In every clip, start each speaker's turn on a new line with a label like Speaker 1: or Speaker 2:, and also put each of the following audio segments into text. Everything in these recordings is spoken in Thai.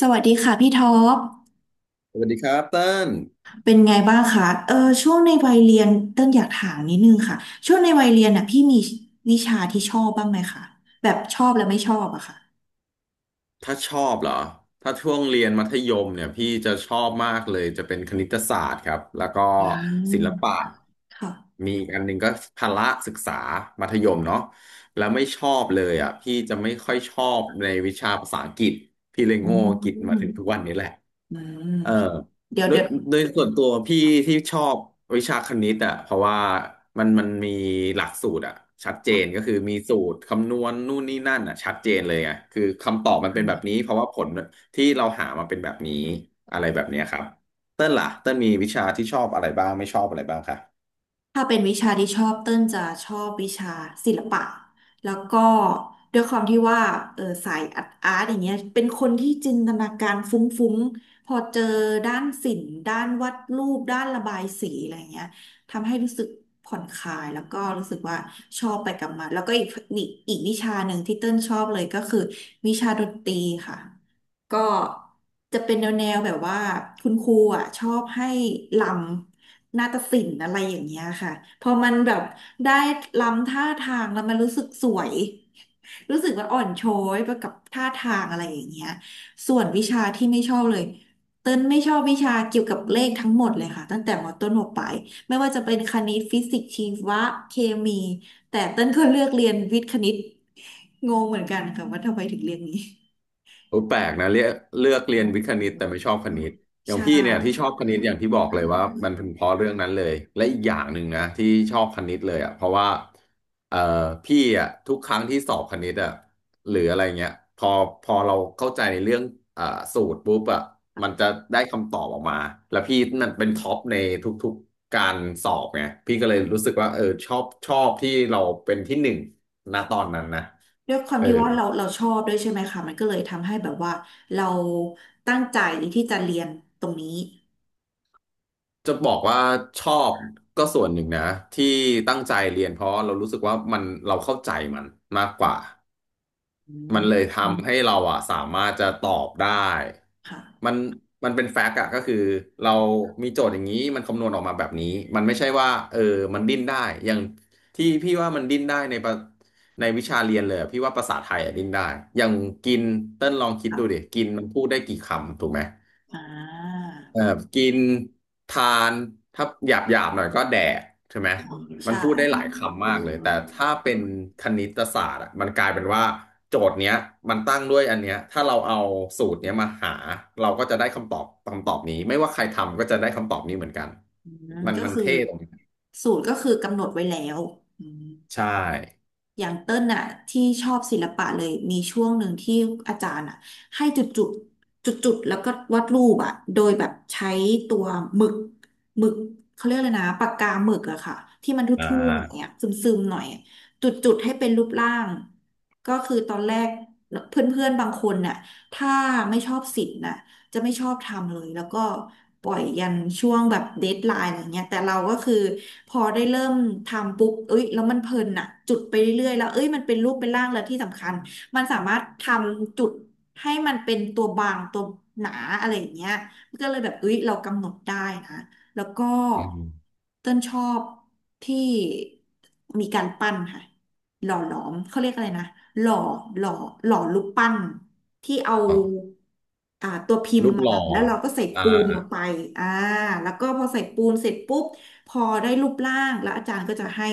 Speaker 1: สวัสดีค่ะพี่ท็อป
Speaker 2: สวัสดีครับเติ้ล
Speaker 1: เป็นไงบ้างคะช่วงในวัยเรียนเต้นอยากถามนิดนึงค่ะ ช่วงในวัยเรียนน่ะพี่มีวิชาที่ชอบบ้างไหมคะ แบบชอบและไม่ชอบอะค่ะ
Speaker 2: ถ้าชอบเหรอ ถ้าช่วงเรียนมัธยมเนี่ยพี่จะชอบมากเลยจะเป็นคณิตศาสตร์ครับ แล้วก็
Speaker 1: อืม
Speaker 2: ศิลปะ
Speaker 1: ค่ะ
Speaker 2: มีอีกอันหนึ่งก็พละศึกษา มัธยมเนาะแล้วไม่ชอบเลยอ่ะ พี่จะไม่ค่อยชอบในวิชาภาษาอังกฤษพี่เลย
Speaker 1: อื
Speaker 2: โง่
Speaker 1: ม
Speaker 2: อังกฤษ
Speaker 1: อืม
Speaker 2: มาถึงทุกวันนี้แหละ
Speaker 1: อืม
Speaker 2: เออ
Speaker 1: เดี๋ยว
Speaker 2: โดย
Speaker 1: เดี๋ยว
Speaker 2: โดยส่วนตัวพี่ที่ชอบวิชาคณิตอ่ะเพราะว่ามันมีหลักสูตรอ่ะชัดเจนก็คือมีสูตรคำนวณนู่นนี่นั่นอ่ะชัดเจนเลยอ่ะคือคำตอบมันเป็นแบบนี้เพราะว่าผลที่เราหามาเป็นแบบนี้อะไรแบบเนี้ยครับเต้นล่ะเต้นมีวิชาที่ชอบอะไรบ้างไม่ชอบอะไรบ้างคะ
Speaker 1: ถ้าเป็นวิชาที่ชอบเต้นจะชอบวิชาศิลปะแล้วก็ด้วยความที่ว่าสายอาร์ตอาร์ตอย่างเงี้ยเป็นคนที่จินตนาการฟุ้งๆพอเจอด้านศิลป์ด้านวาดรูปด้านระบายสีอะไรเงี้ยทำให้รู้สึกผ่อนคลายแล้วก็รู้สึกว่าชอบไปกับมันแล้วก็อีกวิชาหนึ่งที่เต้นชอบเลยก็คือวิชาดนตรีค่ะ ก็จะเป็นแนวแนวแบบว่าคุณครูอ่ะชอบให้ลำนาฏศิลป์อะไรอย่างเงี้ยค่ะพอมันแบบได้ลำท่าทางแล้วมันรู้สึกสวยรู้สึกว่าอ่อนช้อยไปกับท่าทางอะไรอย่างเงี้ยส่วนวิชาที่ไม่ชอบเลยเต้นไม่ชอบวิชาเกี่ยวกับเลขทั้งหมดเลยค่ะตั้งแต่มต้นมปลายไม่ว่าจะเป็นคณิตฟิสิกส์ชีวะเคมีแต่เต้นก็เลือกเรียนวิทย์คณิตงงเหมือนกันค่ะว่าทำไมถึงเรียนนี้
Speaker 2: โอ้แปลกนะเลือกเรียนวิทย์คณิตแต่ไม่ชอบคณิตอย่าง
Speaker 1: ใช่
Speaker 2: พี่เนี่ยที่ชอบคณิตอย่างที่บอกเลยว่ามันเป็นเพราะเรื่องนั้นเลยและอีกอย่างหนึ่งนะที่ชอบคณิตเลยอ่ะเพราะว่าเอ่อพี่อ่ะทุกครั้งที่สอบคณิตอ่ะหรืออะไรเงี้ยพอเราเข้าใจในเรื่องอ่าสูตรปุ๊บอ่ะมันจะได้คำตอบออกมาแล้วพี่นั่นเป็นท็อปในทุกๆการสอบไงพี่ก็เลยรู้สึกว่าเออชอบที่เราเป็นที่หนึ่งณตอนนั้นนะ
Speaker 1: ด้วยความ
Speaker 2: เออ
Speaker 1: ที่ว่าเราชอบด้วยใช่ไหมคะมันก็เลยทำให้แบบว่าเราตั้งใจที่จะเรียนตรงนี้
Speaker 2: จะบอกว่าชอบก็ส่วนหนึ่งนะที่ตั้งใจเรียนเพราะเรารู้สึกว่ามันเราเข้าใจมันมากกว่า
Speaker 1: อื
Speaker 2: มั
Speaker 1: ม
Speaker 2: นเลย
Speaker 1: อืม
Speaker 2: ทำให้เราอะสามารถจะตอบได้มั
Speaker 1: ค่ะ
Speaker 2: นมันเป็นแฟกต์อะก็คือเรามีโจทย์อย่างนี้มันคำนวณออกมาแบบนี้มันไม่ใช่ว่าเออมันดิ้นได้อย่างที่พี่ว่ามันดิ้นได้ในประในวิชาเรียนเลยอะพี่ว่าภาษาไทยอะดิ้นได้อย่างกินเต้นลองคิดดูดิ
Speaker 1: ค่ะ
Speaker 2: กินมันพูดได้กี่คำถูกไหม
Speaker 1: อ่า
Speaker 2: เออกินทานถ้าหยาบหน่อยก็แดกใช่ไหมมัน
Speaker 1: ใช่
Speaker 2: พูดได้หลายคำมากเลยแต่ถ้าเป็นคณิตศาสตร์อะมันกลายเป็นว่าโจทย์เนี้ยมันตั้งด้วยอันเนี้ยถ้าเราเอาสูตรเนี้ยมาหาเราก็จะได้คำตอบคำตอบนี้ไม่ว่าใครทำก็จะได้คำตอบนี้เหมือนกัน
Speaker 1: อืม
Speaker 2: มัน
Speaker 1: ก็
Speaker 2: มัน
Speaker 1: คือ
Speaker 2: เท่ตรงนี้
Speaker 1: สูตรก็คือกำหนดไว้แล้วอืม
Speaker 2: ใช่
Speaker 1: อย่างเต้นน่ะที่ชอบศิลปะเลยมีช่วงหนึ่งที่อาจารย์อ่ะให้จุดจุดจุดจุดๆแล้วก็วาดรูปอ่ะโดยแบบใช้ตัวหมึกหมึกเขาเรียกเลยนะปากกาหมึกอะค่ะที่มันท
Speaker 2: อ่า
Speaker 1: ุ่มๆหน่อยอะซึมๆหน่อยอะจุดจุดให้เป็นรูปร่างก็คือตอนแรกเพื่อนๆบางคนน่ะถ้าไม่ชอบศิลป์น่ะ จะไม่ชอบทำเลยแล้วก็ปล่อยยันช่วงแบบเดดไลน์อะไรเงี้ยแต่เราก็คือพอได้เริ่มทำปุ๊บเอ้ยแล้วมันเพลินอะจุดไปเรื่อยๆแล้วเอ้ยมันเป็นรูปเป็นร่างแล้วที่สำคัญมันสามารถทำจุดให้มันเป็นตัวบางตัวหนาอะไรอย่างเงี้ยก็เลยแบบเอ้ยเรากำหนดได้นะแล้วก็
Speaker 2: อืม
Speaker 1: เต้นชอบที่มีการปั้นค่ะ หล่อหลอมเขาเรียกอะไรนะหล่อหล่อหล่อรูปปั้นที่เอา
Speaker 2: อ๋อ
Speaker 1: อ่าตัวพิมพ์
Speaker 2: รูป
Speaker 1: มา
Speaker 2: หล่อ
Speaker 1: แล้วเราก็ใส่
Speaker 2: อ่า
Speaker 1: ปูนลงไปอ่าแล้วก็พอใส่ปูนเสร็จปุ๊บพอได้รูปร่างแล้วอาจารย์ก็จะให้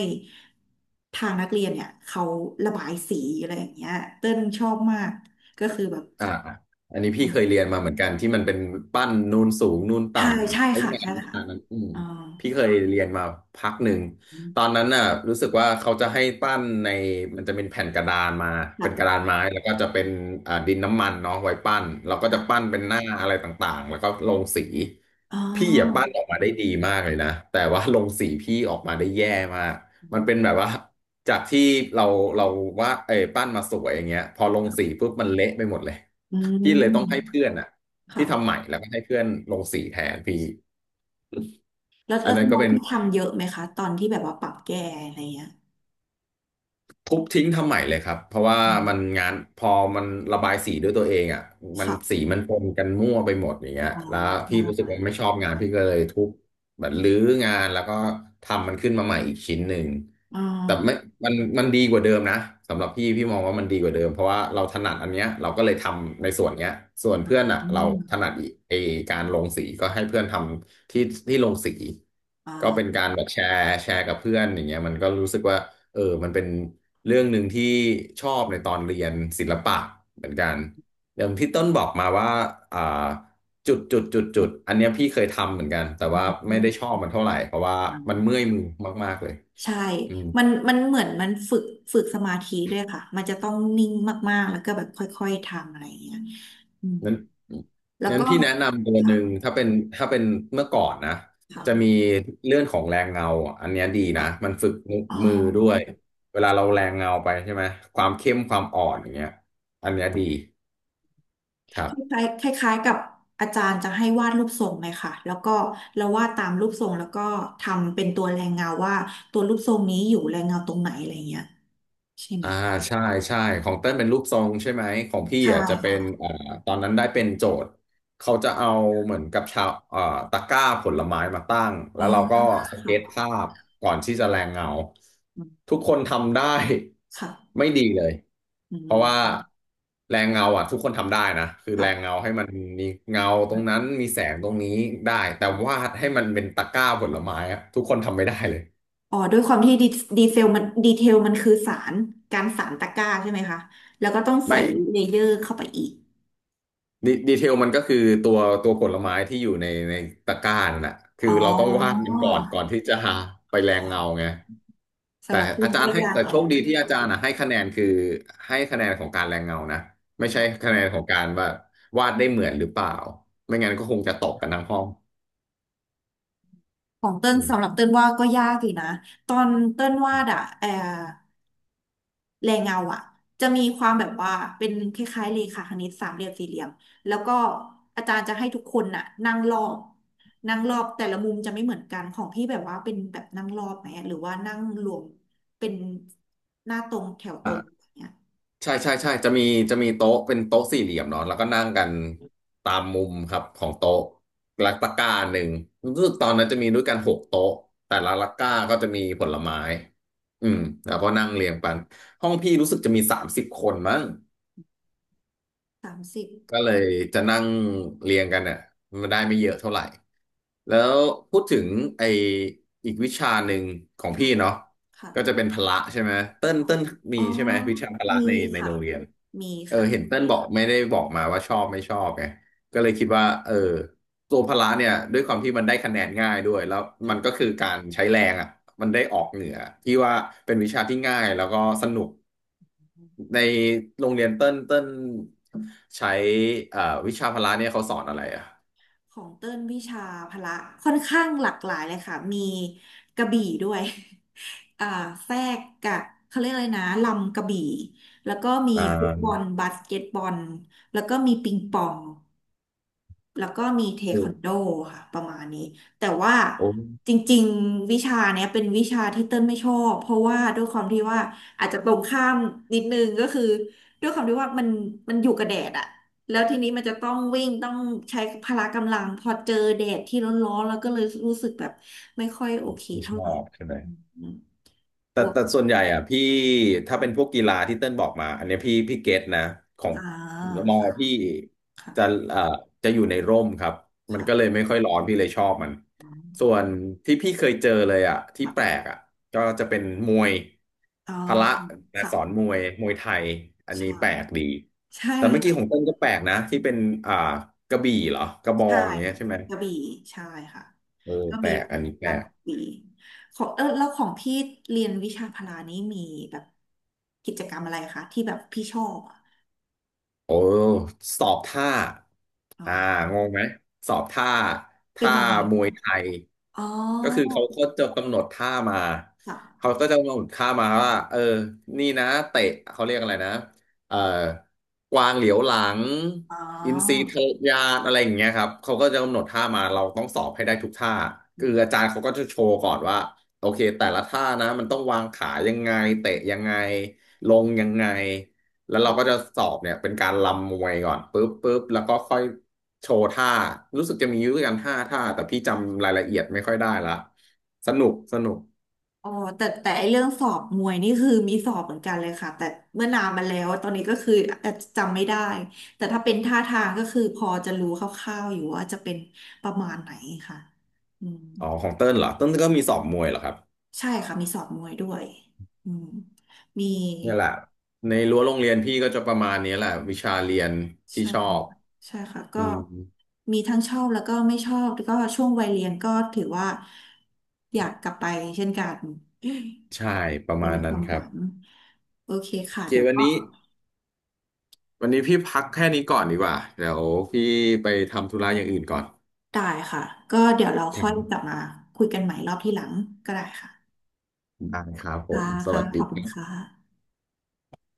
Speaker 1: ทางนักเรียนเนี่ยเขาระบายสีอะไรอย่างเงี้ยเต้นชอบมากก็คือแบบ
Speaker 2: อ่าอันนี้พี่เคยเรียนมาเหมือนกันที่มันเป็นปั้นนูนสูงนูนต่
Speaker 1: ใช่ใช่
Speaker 2: ำไอ้
Speaker 1: ค่ะ
Speaker 2: งาน
Speaker 1: ใช่
Speaker 2: วิ
Speaker 1: ค่ะ
Speaker 2: ชานั้นอืม
Speaker 1: อ่า
Speaker 2: พี่เคยเรียนมาพักหนึ่งตอนนั้นน่ะรู้สึกว่าเขาจะให้ปั้นในมันจะเป็นแผ่นกระดานมา
Speaker 1: หลั
Speaker 2: เป็
Speaker 1: ก
Speaker 2: นกระดานไม้แล้วก็จะเป็นอ่าดินน้ำมันเนาะไว้ปั้นเราก็
Speaker 1: ห
Speaker 2: จะ
Speaker 1: ลั
Speaker 2: ปั้
Speaker 1: ก
Speaker 2: นเป็นหน้าอะไรต่างๆแล้วก็ลงสี
Speaker 1: อ๋อ
Speaker 2: พี่อ่ะปั้นออกมาได้ดีมากเลยนะแต่ว่าลงสีพี่ออกมาได้แย่มากมันเป็นแบบว่าจากที่เราเราว่าดเออปั้นมาสวยอย่างเงี้ยพอลงสีปุ๊บมันเละไปหมดเลย
Speaker 1: อื
Speaker 2: พี่เลยต้องให้
Speaker 1: ม
Speaker 2: เพื่อนอ่ะพี่ทำให
Speaker 1: ค่ะ
Speaker 2: ม่แล้วก็ให้เพื่อนลงสีแทนพี่
Speaker 1: แล้ว
Speaker 2: อั
Speaker 1: แล้
Speaker 2: น
Speaker 1: วตอ
Speaker 2: นั้น
Speaker 1: น
Speaker 2: ก็
Speaker 1: นั้น
Speaker 2: เป็น
Speaker 1: คือทำเยอะไหมคะตอนที่แบบว่าปรับแก้อะไรเงี้ย
Speaker 2: ทุบทิ้งทำใหม่เลยครับเพราะว่า
Speaker 1: อื
Speaker 2: มัน
Speaker 1: ม
Speaker 2: งานพอมันระบายสีด้วยตัวเองอ่ะมัน
Speaker 1: ค่ะ
Speaker 2: สีมันปนกันมั่วไปหมดอย่างเงี้ย
Speaker 1: อ๋อ
Speaker 2: แล้ว
Speaker 1: ใ
Speaker 2: พี่รู้สึก
Speaker 1: ช่
Speaker 2: ว่าไม่ชอบงานพี่ก็เลยทุบแบบรื้องานแล้วก็ทำมันขึ้นมาใหม่อีกชิ้นหนึ่ง
Speaker 1: อ๋อ
Speaker 2: แต่ไม่มันดีกว่าเดิมนะสำหรับพี่พี่มองว่ามันดีกว่าเดิมเพราะว่าเราถนัดอันเนี้ยเราก็เลยทำในส่วนเนี้ยส่วนเพื่อนอ่ะ
Speaker 1: อื
Speaker 2: เราถนั
Speaker 1: ม
Speaker 2: ดอีไอการลงสีก็ให้เพื่อนทำที่ลงสี
Speaker 1: อ่
Speaker 2: ก็เป็น
Speaker 1: า
Speaker 2: การแบบแชร์กับเพื่อนอย่างเงี้ยมันก็รู้สึกว่า เออมันเป็นเรื่องหนึ่งที่ชอบในตอนเรียนศิลปะเหมือนกันอย่างที่ต้นบอกมาว่าอ่าจุดจุดจุดจุดอันเนี้ยพี่เคยทำเหมือนกันแต่
Speaker 1: อื
Speaker 2: ว่าไม่ได้ชอ
Speaker 1: ม
Speaker 2: บมันเท่าไหร่เพราะว่ามันเมื่อยมือมากๆเลย
Speaker 1: ใช่
Speaker 2: อืม
Speaker 1: มันเหมือนมันฝึกสมาธิด้วยค่ะ มันจะต้องนิ่งมากๆ แล้วก็แบบค่อยๆ ทำอะไรเงี้ยอืม
Speaker 2: นั้น
Speaker 1: แล้ว
Speaker 2: นั้น
Speaker 1: ก็
Speaker 2: พี่แนะนำตัวห
Speaker 1: ค่ะ
Speaker 2: นึ่งถ้าเป็นเมื่อก่อนนะจะมี
Speaker 1: ค่ะ
Speaker 2: เรื่องของแรงเงาอ่ะอันเนี้ยดีนะ
Speaker 1: ค่ะ
Speaker 2: มันฝึก
Speaker 1: อ๋อ
Speaker 2: มือด้วยเวลาเราแรงเงาไปใช่ไหมความเข้มความอ่อนอย่างเงี้ยอันเนี้ยดีครั
Speaker 1: ค
Speaker 2: บ
Speaker 1: ล้ายคล้ายคล้ายๆกับอาจารย์จะให้วาดรูปทรงเลยค่ะแล้วก็เราวาดตามรูปทรงแล้วก็ทำเป็นตัวแรงเงาว่าตัวรูปทรงนี้อยู่แรงเงาตรงไหนอะไรเงี้ยใช่ไหม
Speaker 2: อ่าใช่ใช่ของเต้นเป็นรูปทรงใช่ไหมของพี่
Speaker 1: ใช่
Speaker 2: อ่ะจะเป็น
Speaker 1: ค่ะ
Speaker 2: อ่าตอนนั้นได้เป็นโจทย์เขาจะเอาเหมือนกับชาวอ่าตะกร้าผลไม้มาตั้งแล้
Speaker 1: อ๋อ
Speaker 2: วเราก็
Speaker 1: ค่
Speaker 2: สเก็ต
Speaker 1: ะ
Speaker 2: ภาพก่อนที่จะแรงเงา
Speaker 1: อืม
Speaker 2: ทุกคนทำได้
Speaker 1: ค่ะ
Speaker 2: ไม่ดีเลย
Speaker 1: อื
Speaker 2: เพราะว่า
Speaker 1: ม
Speaker 2: แรงเงาอ่ะทุกคนทำได้นะคือแรง
Speaker 1: ค่ะ
Speaker 2: เงาให้มันมีเงาตรงนั้
Speaker 1: ค่ะ
Speaker 2: นมีแสงตรงนี้ได้แต่
Speaker 1: อืม
Speaker 2: วาดให้มันเป็นตะกร้าผลไม้อ่ะทุกคนทำไม่ได้เลย
Speaker 1: อ๋อด้วยความที่ดีดีเซลมันดีเทลมันคือสารการสารตะกร้าใช่ไหมคะแล้วก็ต้องใส่
Speaker 2: ไม่
Speaker 1: เลเยอร์เข้าไปอีก
Speaker 2: ดีเทลมันก็คือตัวตัวผลไม้ที่อยู่ในตะกร้านั่นแหะคือ
Speaker 1: อ๋อ
Speaker 2: เราต้องวาดมันก่อนที่จะหาไปแรงเงาไงแต่
Speaker 1: สำหรับคุณ
Speaker 2: อาจาร
Speaker 1: ก็
Speaker 2: ย์ให้
Speaker 1: ยาก
Speaker 2: แต่โชคดี
Speaker 1: ค
Speaker 2: ที่อาจารย์อ่ะให้คะแนนคือให้คะแนนของการแรงเงานะไม่ใช่
Speaker 1: ่ะ
Speaker 2: คะแนนของการว่าวาดได้เหมือนหรือเปล่าไม่งั้นก็คงจะตกกันทั้งห้อง
Speaker 1: ของเติ้ล
Speaker 2: อื
Speaker 1: สำหรับ
Speaker 2: ม
Speaker 1: เติ้ลว่าก็ยากอยู่นะตอนเติ้นวาดอะแออแรงเงาอะจะมีความแบบว่าเป็นคล้ายๆเลขาคณิตสามเหลี่ยมสี่เหลี่ยมแล้วก็อาจารย์จะให้ทุกคนน่ะนั่งรอบแต่ละมุมจะไม่เหมือนกันของพี่แบบว่าเป็นแบบนั่งรอบไหมหรือว่านั่งรวมเป็นหน้าตรงแถวตรงอย่างเงี้ย
Speaker 2: ใช่ใช่ใช่จะมีจะมีโต๊ะเป็นโต๊ะสี่เหลี่ยมเนาะแล้วก็นั่งกันตามมุมครับของโต๊ะและตะกร้าหนึ่งรู้สึกตอนนั้นจะมีด้วยกัน6 โต๊ะแต่ละตะกร้าก็จะมีผลไม้อืมแล้วก็นั่งเรียงกันห้องพี่รู้สึกจะมี30 คนมั้ง
Speaker 1: 30
Speaker 2: ก็เลยจะนั่งเรียงกันอ่ะมันได้ไม่เยอะเท่าไหร่แล้วพูดถึงไออีกวิชาหนึ่งของ
Speaker 1: ค่ะ
Speaker 2: พี่เนาะ
Speaker 1: ค่ะ
Speaker 2: ก็จะเป็นพละใช่ไหมเต้น
Speaker 1: อ๋อ
Speaker 2: เต้น
Speaker 1: อ๋
Speaker 2: มี
Speaker 1: อ
Speaker 2: ใช่ไหมวิชาพละ
Speaker 1: มี
Speaker 2: ใน
Speaker 1: ค่ะ
Speaker 2: โรงเรียน
Speaker 1: มี
Speaker 2: เออ
Speaker 1: ค่ะ
Speaker 2: เห็นเต้นบอกไม่ได้บอกมาว่าชอบไม่ชอบไงก็เลยคิดว่าเออ ตัวพละเนี่ยด้วยความที่มันได้คะแนนง่ายด้วยแล้วมั
Speaker 1: ค่ะ
Speaker 2: นก็คือการใช้แรงอ่ะมันได้ออกเหนือที่ว่าเป็นวิชาที่ง่ายแล้วก็สนุกในโรงเรียนเต้นเต้นใช้เอ่อวิชาพละเนี่ยเขาสอนอะไรอ่ะ
Speaker 1: ของเต้นวิชาพละค่อนข้างหลากหลายเลยค่ะมีกระบี่ด้วย อ่าแทรกกับเขาเรียกอะไรนะลำกระบี่แล้วก็มี
Speaker 2: อ่า
Speaker 1: ฟุตบอลบาสเกตบอลแล้วก็มีปิงปอง แล้วก็มีเท
Speaker 2: โอ
Speaker 1: ควันโด
Speaker 2: ้
Speaker 1: ค่ะประมาณนี้แต่ว่า
Speaker 2: โอ้
Speaker 1: จริงๆวิชาเนี้ยเป็นวิชาที่เติ้ลไม่ชอบเพราะว่าด้วยความที่ว่าอาจจะตรงข้ามนิดนึงก็คือด้วยความที่ว่ามันมันอยู่กับแดดอะแล้วทีนี้มันจะต้องวิ่งต้องใช้พละกำลังพอเจอแดดที่ร้อนๆแล้วก็เลยรู้สึกแบบไม่ค่อยโอเค
Speaker 2: ไม่ช
Speaker 1: เท่าไห
Speaker 2: อ
Speaker 1: ร่
Speaker 2: บใช่ไหม
Speaker 1: อืม
Speaker 2: แต่
Speaker 1: บวก
Speaker 2: แต่ส่วนใหญ่อ่ะพี่ถ้าเป็นพวกกีฬาที่เติ้ลบอกมาอันเนี้ยพี่เก็ตนะของ
Speaker 1: อ่า
Speaker 2: มอ
Speaker 1: ค่ะ
Speaker 2: พี่
Speaker 1: ค่ะ
Speaker 2: จะเอ่อจะอยู่ในร่มครับมันก็เลย
Speaker 1: ค่ะ
Speaker 2: ไม่ค่อยร้อนพี่เลยชอบมัน
Speaker 1: อืม
Speaker 2: ส่วนที่พี่เคยเจอเลยอ่ะที่
Speaker 1: แบบ
Speaker 2: แปลกอ่ะก็จะเป็นมวย
Speaker 1: อ๋อ
Speaker 2: พละแต่
Speaker 1: ค่ะ
Speaker 2: สอนมวยไทยอันนี้
Speaker 1: ใช่
Speaker 2: แปลกดี
Speaker 1: ใช่
Speaker 2: แต่เมื่อกี้
Speaker 1: ค่ะ
Speaker 2: ของเติ้ลก็แปลกนะที่เป็นอ่ากระบี่เหรอกระบอ
Speaker 1: ใช่
Speaker 2: งอย่างเงี้ย
Speaker 1: ค่ะ
Speaker 2: ใช่ไหม
Speaker 1: กระบี่ใช่ค่ะ
Speaker 2: เออ
Speaker 1: ก็
Speaker 2: แป
Speaker 1: มี
Speaker 2: ลกอันนี้แปล
Speaker 1: ลำก
Speaker 2: ก
Speaker 1: ระบี่ของเออแล้วของพี่เรียนวิชาพละนี้มีแบบกิจกรรมอะไรคะที่แบบพี่ชอบอะ
Speaker 2: โอ้สอบท่า
Speaker 1: อ๋อ
Speaker 2: อ่างงไหมสอบท่า
Speaker 1: เป็น
Speaker 2: ท่า
Speaker 1: ยังไง
Speaker 2: มวย
Speaker 1: คะ
Speaker 2: ไทย
Speaker 1: อ๋อ
Speaker 2: ก็คือเขาก็จะกำหนดท่ามาเขา
Speaker 1: ค่ะ
Speaker 2: ก็จะกำหนดท่ามาว่าเออนี่นะเตะเขาเรียกอะไรนะเอ่อกวางเหลียวหลัง
Speaker 1: อ๋อ
Speaker 2: อินทรีทะยานอะไรอย่างเงี้ยครับเขาก็จะกำหนดท่ามาเราต้องสอบให้ได้ทุกท่า
Speaker 1: อื
Speaker 2: คืออาจา
Speaker 1: ม
Speaker 2: รย์เขาก็จะโชว์ก่อนว่าโอเคแต่ละท่านะมันต้องวางขายังไงเตะยังไงลงยังไง แล้วเราก็จะสอบเนี่ยเป็นการรำมวยก่อนปุ๊บปุ๊บแล้วก็ค่อยโชว์ท่ารู้สึกจะมีอยู่ด้วยกัน5 ท่าแต่พี่จำรายละเอียดไม่ค่อยได้ละสนุกสนุก
Speaker 1: อ๋อแต่ไอเรื่องสอบมวยนี่คือมีสอบเหมือนกันเลยค่ะแต่เมื่อนานมาแล้วตอนนี้ก็คืออาจจะจำไม่ได้แต่ถ้าเป็นท่าทางก็คือพอจะรู้คร่าวๆอยู่ว่าจะเป็นประมาณไหนค่ะอืม
Speaker 2: อ๋อของเติ้ลเหรอเติ้ลก็มีสอบมวยเหรอครับ
Speaker 1: ใช่ค่ะมีสอนมวยด้วยอืมมี
Speaker 2: เนี่ยแหละในรั้วโรงเรียนพี่ก็จะประมาณนี้แหละวิชาเรียนที่
Speaker 1: ใช่
Speaker 2: ชอบ
Speaker 1: ใช่ค่ะ
Speaker 2: อื
Speaker 1: ก็
Speaker 2: ม
Speaker 1: มีทั้งชอบแล้วก็ไม่ชอบแล้วก็ช่วงวัยเรียนก็ถือว่าอยากกลับไปเช่นกัน
Speaker 2: ใช่ประ
Speaker 1: เป็
Speaker 2: มา
Speaker 1: น
Speaker 2: ณ
Speaker 1: ค
Speaker 2: นั้น
Speaker 1: วาม
Speaker 2: ค
Speaker 1: ห
Speaker 2: รั
Speaker 1: ลั
Speaker 2: บ
Speaker 1: งโอเค
Speaker 2: โอ
Speaker 1: ค่ะ
Speaker 2: เค
Speaker 1: เดี๋ยว
Speaker 2: วัน
Speaker 1: ก็
Speaker 2: นี้วันนี้พี่พักแค่นี้ก่อนดีกว่าเดี๋ยวพี่ไปทำธุระอย่างอื่นก่อน
Speaker 1: ได้ค่ะก็เดี๋ยวเรา
Speaker 2: ค
Speaker 1: ค่
Speaker 2: รั
Speaker 1: อยกลับ
Speaker 2: บ
Speaker 1: มาคุยกันใหม่รอบที่หลังก็ได้ค่ะ
Speaker 2: ได้ครับผ
Speaker 1: ค่ะ
Speaker 2: มส
Speaker 1: ค่ะ
Speaker 2: วัสดี
Speaker 1: ขอบ
Speaker 2: ค
Speaker 1: คุณ
Speaker 2: รั
Speaker 1: ค่ะ
Speaker 2: บ